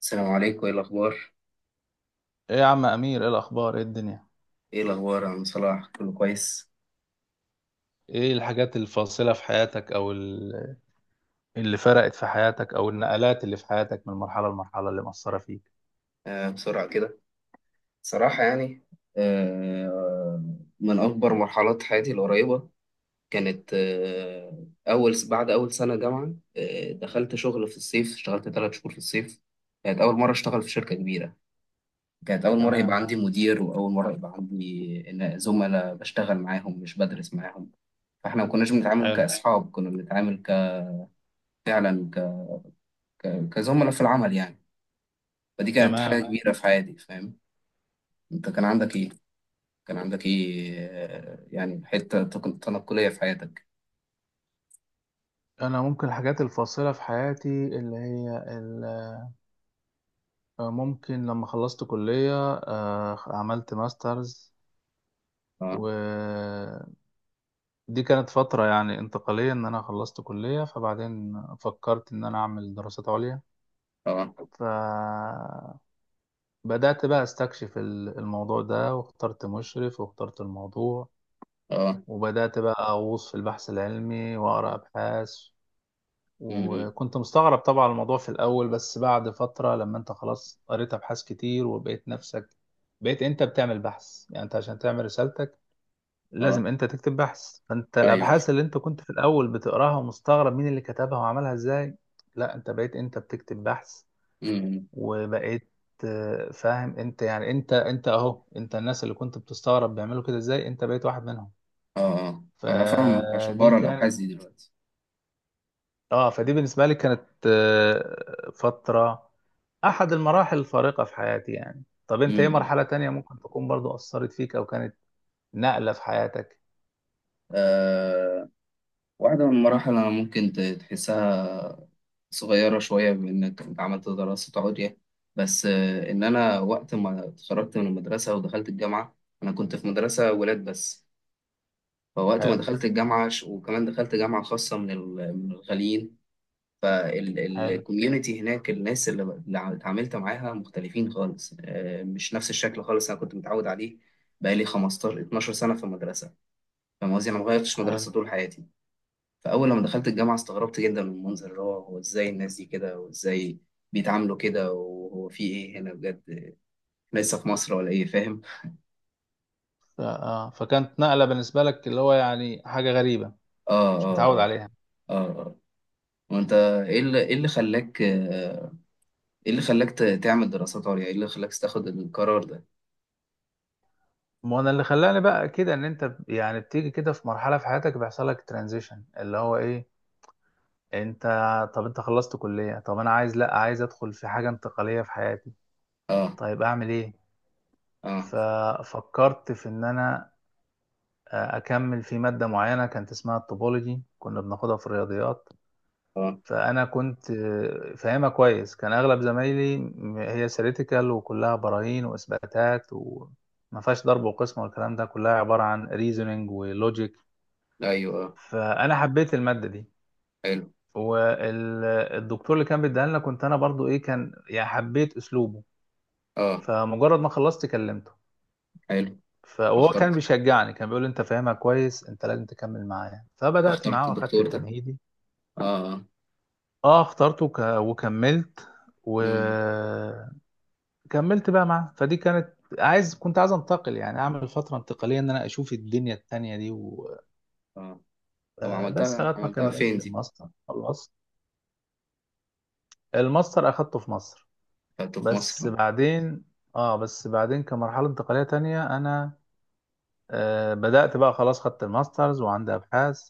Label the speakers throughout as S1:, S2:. S1: السلام عليكم، ايه الاخبار؟
S2: ايه يا عم امير، ايه الاخبار؟ ايه الدنيا؟
S1: ايه الاخبار يا عم صلاح؟ كله كويس.
S2: ايه الحاجات الفاصله في حياتك او اللي فرقت في حياتك او النقلات اللي في حياتك من مرحله لمرحله اللي مأثره فيك؟
S1: آه، بسرعه كده. صراحه، يعني. آه. من اكبر مرحلات حياتي القريبه كانت بعد اول سنه جامعه، دخلت شغل في الصيف، اشتغلت 3 شهور في الصيف. كانت اول مره اشتغل في شركه كبيره. كانت اول مره يبقى
S2: تمام.
S1: عندي مدير، واول مره يبقى عندي زملاء بشتغل معاهم، مش بدرس معاهم. فاحنا ما كناش بنتعامل
S2: حلو.
S1: كاصحاب، كنا بنتعامل فعلا كزملاء في العمل، يعني. فدي كانت حاجة
S2: تمام.
S1: كبيرة في حياتي، فاهم؟ انت كان عندك ايه؟ كان عندك ايه، يعني، حتة تنقلية في حياتك؟
S2: انا ممكن الحاجات الفاصله في حياتي اللي هي ممكن لما خلصت كليه عملت ماسترز.
S1: اه.
S2: ودي كانت فتره يعني انتقاليه ان انا خلصت كليه، فبعدين فكرت ان انا اعمل دراسات عليا.
S1: اه.
S2: ف بدأت بقى استكشف الموضوع ده، واخترت مشرف، واخترت الموضوع.
S1: اه.
S2: وبدأت بقى أغوص في البحث العلمي وأقرأ أبحاث.
S1: امم.
S2: وكنت مستغرب طبعا الموضوع في الأول، بس بعد فترة لما أنت خلاص قريت أبحاث كتير وبقيت نفسك بقيت أنت بتعمل بحث. يعني أنت عشان تعمل رسالتك
S1: اه.
S2: لازم أنت تكتب بحث، فأنت
S1: ايوه.
S2: الأبحاث اللي أنت كنت في الأول بتقراها ومستغرب مين اللي كتبها وعملها إزاي، لا أنت بقيت أنت بتكتب بحث.
S1: امم.
S2: وبقيت فاهم انت، يعني انت اهو انت الناس اللي كنت بتستغرب بيعملوا كده ازاي انت بقيت واحد منهم.
S1: اه. اه. انا فاهمك، عشان
S2: فدي
S1: بقرا
S2: كانت،
S1: الابحاث دي دلوقتي.
S2: اه فدي بالنسبة لي كانت فترة، احد المراحل الفارقة في حياتي. يعني طب انت ايه
S1: امم.
S2: مرحلة تانية ممكن تكون برضو اثرت فيك او كانت نقلة في حياتك؟
S1: آه واحدة من المراحل انا ممكن تحسها صغيرة شوية، بانك انت عملت دراسة عليا، بس ان انا وقت ما اتخرجت من المدرسة ودخلت الجامعة، انا كنت في مدرسة ولاد بس. فوقت ما
S2: حلو.
S1: دخلت الجامعة، وكمان دخلت جامعة خاصة من الغاليين.
S2: حلو.
S1: فالكوميونتي هناك، الناس اللي اللي اتعاملت معاها مختلفين خالص، مش نفس الشكل خالص أنا كنت متعود عليه. بقالي 15 12 سنة في المدرسة. فاهم قصدي؟ أنا ما غيرتش
S2: حلو.
S1: مدرسة طول حياتي. فأول لما دخلت الجامعة استغربت جدا من المنظر، اللي هو هو إزاي الناس دي كده، وإزاي بيتعاملوا كده، وهو في إيه هنا؟ بجد إحنا لسه في مصر ولا إيه؟ فاهم؟
S2: فكانت نقلة بالنسبة لك اللي هو يعني حاجة غريبة
S1: آه.
S2: مش
S1: آه.
S2: متعود
S1: آه.
S2: عليها.
S1: آه. آه. وأنت، إيه اللي خلاك، ايه اللي خلاك تعمل دراسات عليا؟ ايه اللي خلاك تاخد القرار ده؟
S2: ما انا اللي خلاني بقى كده ان انت، يعني بتيجي كده في مرحله في حياتك بيحصل لك ترانزيشن اللي هو ايه؟ انت، طب انت خلصت كليه، طب انا عايز، لا عايز ادخل في حاجه انتقاليه في حياتي،
S1: اه.
S2: طيب اعمل ايه؟
S1: اه.
S2: ففكرت في ان انا اكمل في ماده معينه كانت اسمها الطوبولوجي، كنا بناخدها في الرياضيات.
S1: اه.
S2: فانا كنت فاهمها كويس، كان اغلب زمايلي هي سيريتيكال وكلها براهين واثباتات و ما فيهاش ضرب وقسم والكلام ده، كلها عبارة عن ريزونينج ولوجيك.
S1: ايوه. اه.
S2: فانا حبيت الماده دي،
S1: حلو.
S2: والدكتور اللي كان بيديها لنا كنت انا برضو ايه كان يعني حبيت اسلوبه.
S1: اه.
S2: فمجرد ما خلصت كلمته،
S1: حلو.
S2: فهو
S1: فاخترت
S2: كان بيشجعني، كان بيقول لي انت فاهمها كويس، انت لازم تكمل معايا. فبدات
S1: فاخترت
S2: معاه واخدت
S1: الدكتور ده.
S2: التمهيدي.
S1: اه. اه.
S2: اه اخترته وكملت،
S1: امم.
S2: وكملت بقى معاه. فدي كانت عايز، كنت عايز انتقل، يعني اعمل فتره انتقاليه ان انا اشوف الدنيا التانية دي و...
S1: اه. طب
S2: بس
S1: عملتها
S2: لغايه ما
S1: عملتها فين
S2: كملت
S1: دي؟
S2: الماستر خلصت. الماستر اخدته في مصر،
S1: خدته في
S2: بس
S1: مصر.
S2: بعدين، اه بس بعدين كمرحلة انتقالية تانية انا، بدأت بقى خلاص خدت الماسترز وعندي ابحاث.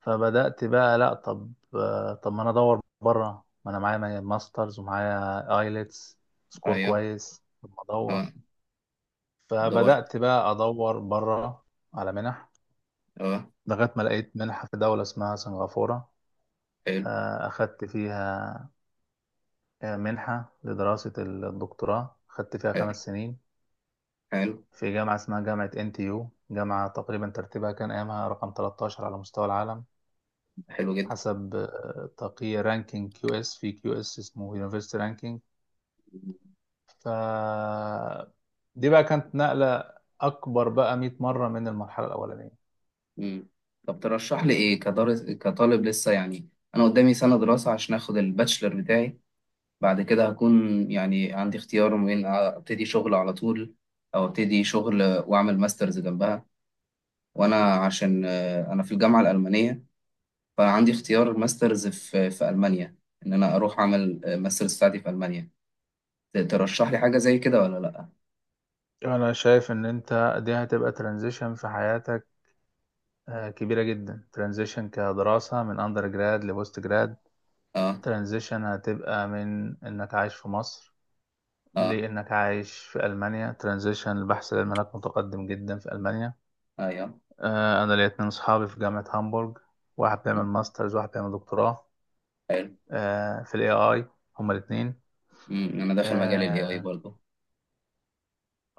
S2: فبدأت بقى، لا طب، طب ما انا ادور بره، ما انا معايا ماسترز ومعايا ايلتس سكور
S1: ايوه.
S2: كويس، طب ما ادور.
S1: اه. دورت.
S2: فبدأت بقى ادور بره على منح،
S1: اه.
S2: لغاية ما لقيت منحة في دولة اسمها سنغافورة.
S1: حلو.
S2: آه اخدت فيها منحة لدراسة الدكتوراه، خدت فيها
S1: حلو.
S2: خمس سنين،
S1: حلو.
S2: في جامعة اسمها جامعة NTU. جامعة تقريبا ترتيبها كان أيامها رقم 13 على مستوى العالم،
S1: حلو جدا.
S2: حسب تقييم رانكينج كيو اس، في كيو اس اسمه يونيفرسيتي رانكينج. ف دي بقى كانت نقلة أكبر بقى 100 مرة من المرحلة الأولانية.
S1: امم. طب ترشح لي ايه كدرس كطالب لسه، يعني؟ انا قدامي سنة دراسة عشان اخد الباتشلر بتاعي. بعد كده هكون، يعني، عندي اختيار ما بين ابتدي شغل على طول، او ابتدي شغل واعمل ماسترز جنبها. وانا، عشان انا في الجامعه الالمانيه، فعندي اختيار ماسترز في المانيا، ان انا اروح اعمل ماسترز بتاعتي في المانيا. ترشح لي حاجه زي كده ولا لا؟
S2: أنا شايف إن أنت دي هتبقى ترانزيشن في حياتك كبيرة جدا. ترانزيشن كدراسة من أندر جراد لبوست جراد،
S1: اه.
S2: ترانزيشن هتبقى من إنك عايش في مصر
S1: اه.
S2: لأنك عايش في ألمانيا، ترانزيشن البحث العلمي هناك متقدم جدا في ألمانيا.
S1: ايوه.
S2: أنا ليا اتنين صحابي في جامعة هامبورج، واحد بيعمل ماسترز واحد بيعمل دكتوراه
S1: حلو.
S2: في ال AI، هما الاتنين.
S1: أمم، انا داخل مجال الاي اي
S2: آه
S1: برضه.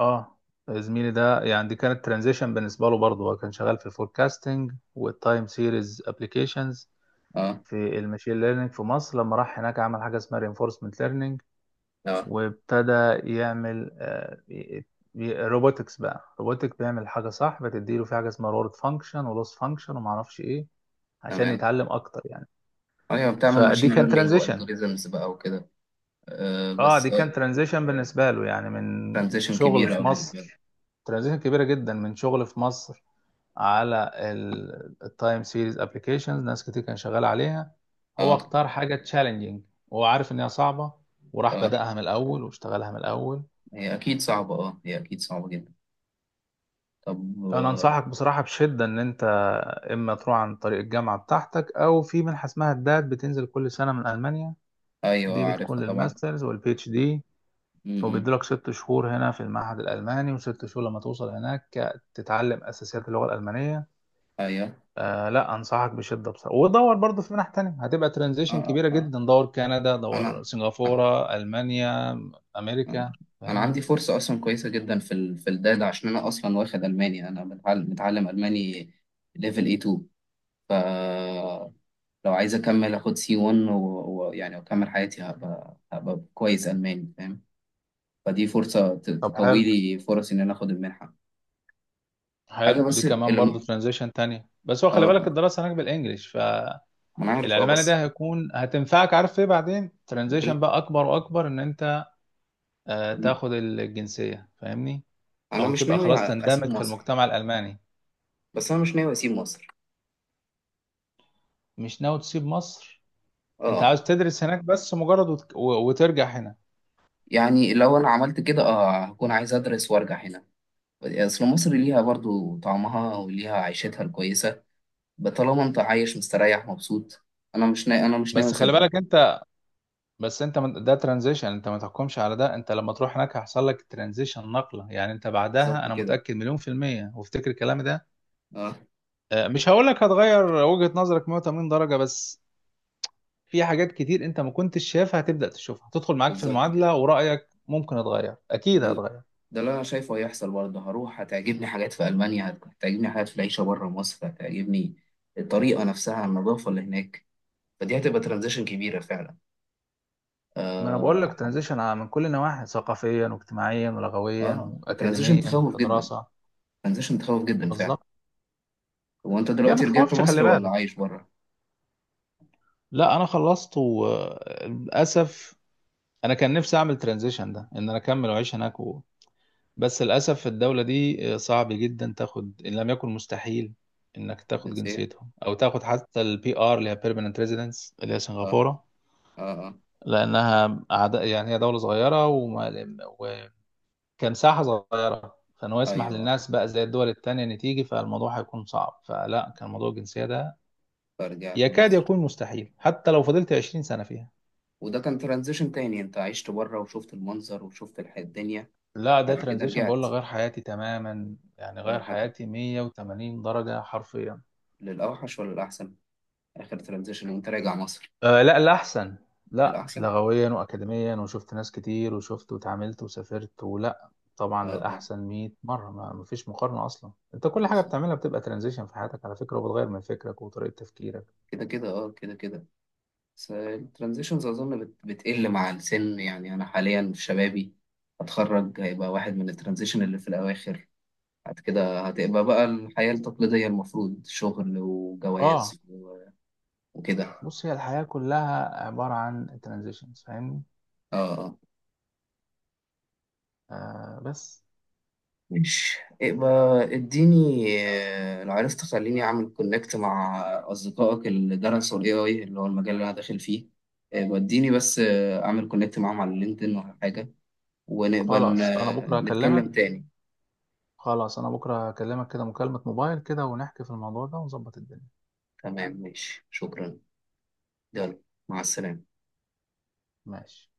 S2: آه، زميلي ده يعني دي كانت ترانزيشن بالنسبة له برضه، هو كان شغال في الفوركاستنج والتايم سيريز ابلكيشنز
S1: اه.
S2: في الماشين ليرنينج في مصر. لما راح هناك عمل حاجة اسمها reinforcement learning،
S1: اه.
S2: وابتدى يعمل روبوتكس بقى، روبوتك بيعمل حاجه صح بتديله في حاجه اسمها رورد فانكشن ولوس فانكشن وما اعرفش ايه، عشان
S1: تمام.
S2: يتعلم اكتر يعني.
S1: ايوه، بتعمل
S2: فدي
S1: ماشين
S2: كان
S1: ليرنينج
S2: ترانزيشن،
S1: والجوريزمز بقى وكده.
S2: اه
S1: بس،
S2: دي كان
S1: اه،
S2: ترانزيشن بالنسبه له يعني من
S1: ترانزيشن
S2: شغل
S1: كبيره
S2: في
S1: بالنسبه لي.
S2: مصر. ترانزيشن كبيره جدا، من شغل في مصر على التايم سيريز ابلكيشنز ناس كتير كان شغال عليها، هو
S1: اه.
S2: اختار حاجه تشالنجينج وهو عارف ان هي صعبه، وراح
S1: اه.
S2: بدأها من الاول واشتغلها من الاول.
S1: هي أكيد صعبة، هي أكيد صعبة جدا. طب،
S2: انا انصحك بصراحه بشده ان انت اما تروح عن طريق الجامعه بتاعتك، او في منحه اسمها الدات بتنزل كل سنه من المانيا،
S1: أيوه،
S2: دي بتكون
S1: عارفها طبعا.
S2: للماسترز والبي اتش دي،
S1: م- م.
S2: وبيديلك ست شهور هنا في المعهد الالماني وست شهور لما توصل هناك تتعلم اساسيات اللغه الالمانيه.
S1: أيوه.
S2: آه لا انصحك بشده بصراحه، ودور برضه في منح تانية هتبقى
S1: آه.
S2: ترانزيشن
S1: آه.
S2: كبيره
S1: آه.
S2: جدا، دور كندا،
S1: أنا
S2: دور سنغافوره، المانيا، امريكا،
S1: أنا
S2: فاهمني؟
S1: عندي فرصة أصلا كويسة جدا في في الداتا، عشان أنا أصلا واخد ألماني، أنا متعلم ألماني، ليفل A2. فلو عايز أكمل، أخد C1، ويعني يعني أكمل حياتي، هبقى كويس ألماني، فاهم؟ فدي فرصة
S2: طب
S1: تقوي
S2: حلو.
S1: لي فرص إن أنا أخد المنحة. حاجة
S2: حلو، دي
S1: بس
S2: كمان
S1: اللي
S2: برضه ترانزيشن تانية، بس هو
S1: آه.
S2: خلي بالك
S1: آه.
S2: الدراسه هناك بالانجلش.
S1: أنا عارف. أه،
S2: العلماني
S1: بس
S2: ده هيكون هتنفعك، عارف ايه بعدين؟ ترانزيشن بقى اكبر واكبر ان انت تاخد الجنسية فاهمني،
S1: انا
S2: او
S1: مش
S2: تبقى
S1: ناوي
S2: خلاص
S1: اسيب
S2: تندمج في
S1: مصر.
S2: المجتمع الالماني.
S1: بس انا مش ناوي اسيب مصر.
S2: مش ناوي تسيب مصر؟ انت
S1: اه.
S2: عاوز تدرس هناك بس مجرد وترجع هنا؟
S1: يعني لو انا عملت كده، اه، هكون عايز ادرس وارجع هنا. اصل مصر ليها برضو طعمها وليها عيشتها الكويسه. طالما انت عايش مستريح مبسوط. انا مش ناوي
S2: بس خلي
S1: اسيبها.
S2: بالك انت، ده ترانزيشن، انت ما تحكمش على ده، انت لما تروح هناك هيحصل لك ترانزيشن نقلة يعني انت بعدها،
S1: بالظبط
S2: انا
S1: كده.
S2: متأكد مليون في المية وافتكر كلامي ده.
S1: اه،
S2: مش هقول لك هتغير وجهة نظرك 180 درجة، بس في حاجات كتير انت ما كنتش شايفها هتبدأ تشوفها، هتدخل معاك في
S1: بالظبط كده.
S2: المعادلة، ورأيك ممكن اتغير،
S1: ده
S2: اكيد
S1: ال-
S2: هتغير.
S1: ده اللي انا شايفه هيحصل برضه. هروح، هتعجبني حاجات في المانيا، هتعجبني حاجات في العيشه بره مصر، هتعجبني الطريقه نفسها، النظافه اللي هناك. فدي هتبقى ترانزيشن كبيره فعلا.
S2: ما انا بقول
S1: آه.
S2: لك ترانزيشن من كل النواحي، ثقافيا واجتماعيا ولغويا
S1: اه، وترانزيشن
S2: واكاديميا
S1: تخوف جدا.
S2: كدراسة.
S1: ترانزيشن تخوف جدا فعلا.
S2: بالظبط.
S1: هو انت
S2: هي ما
S1: دلوقتي رجعت
S2: تخوفش، خلي
S1: مصر ولا
S2: بالك.
S1: عايش بره؟
S2: لا انا خلصت وللاسف. انا كان نفسي اعمل ترانزيشن ده ان انا اكمل واعيش هناك و... بس للاسف الدولة دي صعب جدا تاخد ان لم يكن مستحيل انك تاخد
S1: الجنسية.
S2: جنسيتهم او تاخد حتى البي ار اللي هي بيرمننت ريزيدنس، اللي هي
S1: اه.
S2: سنغافورة.
S1: اه. اه.
S2: لأنها أعداء، يعني هي دولة صغيرة وما وكان ساحة صغيرة، فإن هو يسمح
S1: ايوه. اه.
S2: للناس بقى زي الدول التانية إن تيجي، فالموضوع هيكون صعب، فلا كان موضوع الجنسية ده
S1: فرجعت
S2: يكاد
S1: مصر.
S2: يكون مستحيل حتى لو فضلت 20 سنة فيها.
S1: وده كان ترانزيشن تاني، انت عشت بره وشفت المنظر، وشفت الدنيا.
S2: لا ده
S1: بعد كده
S2: ترانزيشن بقول
S1: رجعت.
S2: لك غير حياتي تماما، يعني غير
S1: غير حاجة؟
S2: حياتي 180 درجة حرفيا.
S1: للأوحش ولا الأحسن؟ آخر ترانزيشن وانت راجع مصر؟
S2: آه لا لا، احسن. لا
S1: للأحسن.
S2: لغويا واكاديميا، وشفت ناس كتير، وشفت واتعاملت وسافرت ولا،
S1: اه.
S2: طبعا
S1: اه.
S2: للاحسن 100 مره، ما فيش مقارنه اصلا. انت كل حاجه
S1: بالظبط.
S2: بتعملها بتبقى ترانزيشن في حياتك على فكره، وبتغير من فكرك وطريقه تفكيرك.
S1: كده كده. اه، كده كده. بس الترانزيشنز أظن بتقل مع السن، يعني أنا حاليا في شبابي، هتخرج هيبقى واحد من الترانزيشن اللي في الأواخر. بعد كده هتبقى بقى الحياة التقليدية المفروض، شغل
S2: اه.
S1: وجواز وكده.
S2: بص، هي الحياه كلها عباره عن ترانزيشنز، فاهمني؟
S1: اه. اه.
S2: آه بس
S1: ماشي، يبقى اديني لو عرفت خليني اعمل كونكت مع اصدقائك اللي درسوا الاي اي، اللي هو المجال اللي انا داخل فيه. يبقى اديني بس اعمل كونكت معاهم على لينكدين ولا حاجة، ونبقى
S2: خلاص انا بكره هكلمك.
S1: نتكلم تاني.
S2: كده مكالمه موبايل كده، ونحكي في الموضوع ده ونظبط الدنيا.
S1: تمام، ماشي، شكرا. يلا، مع السلامة.
S2: ماشي.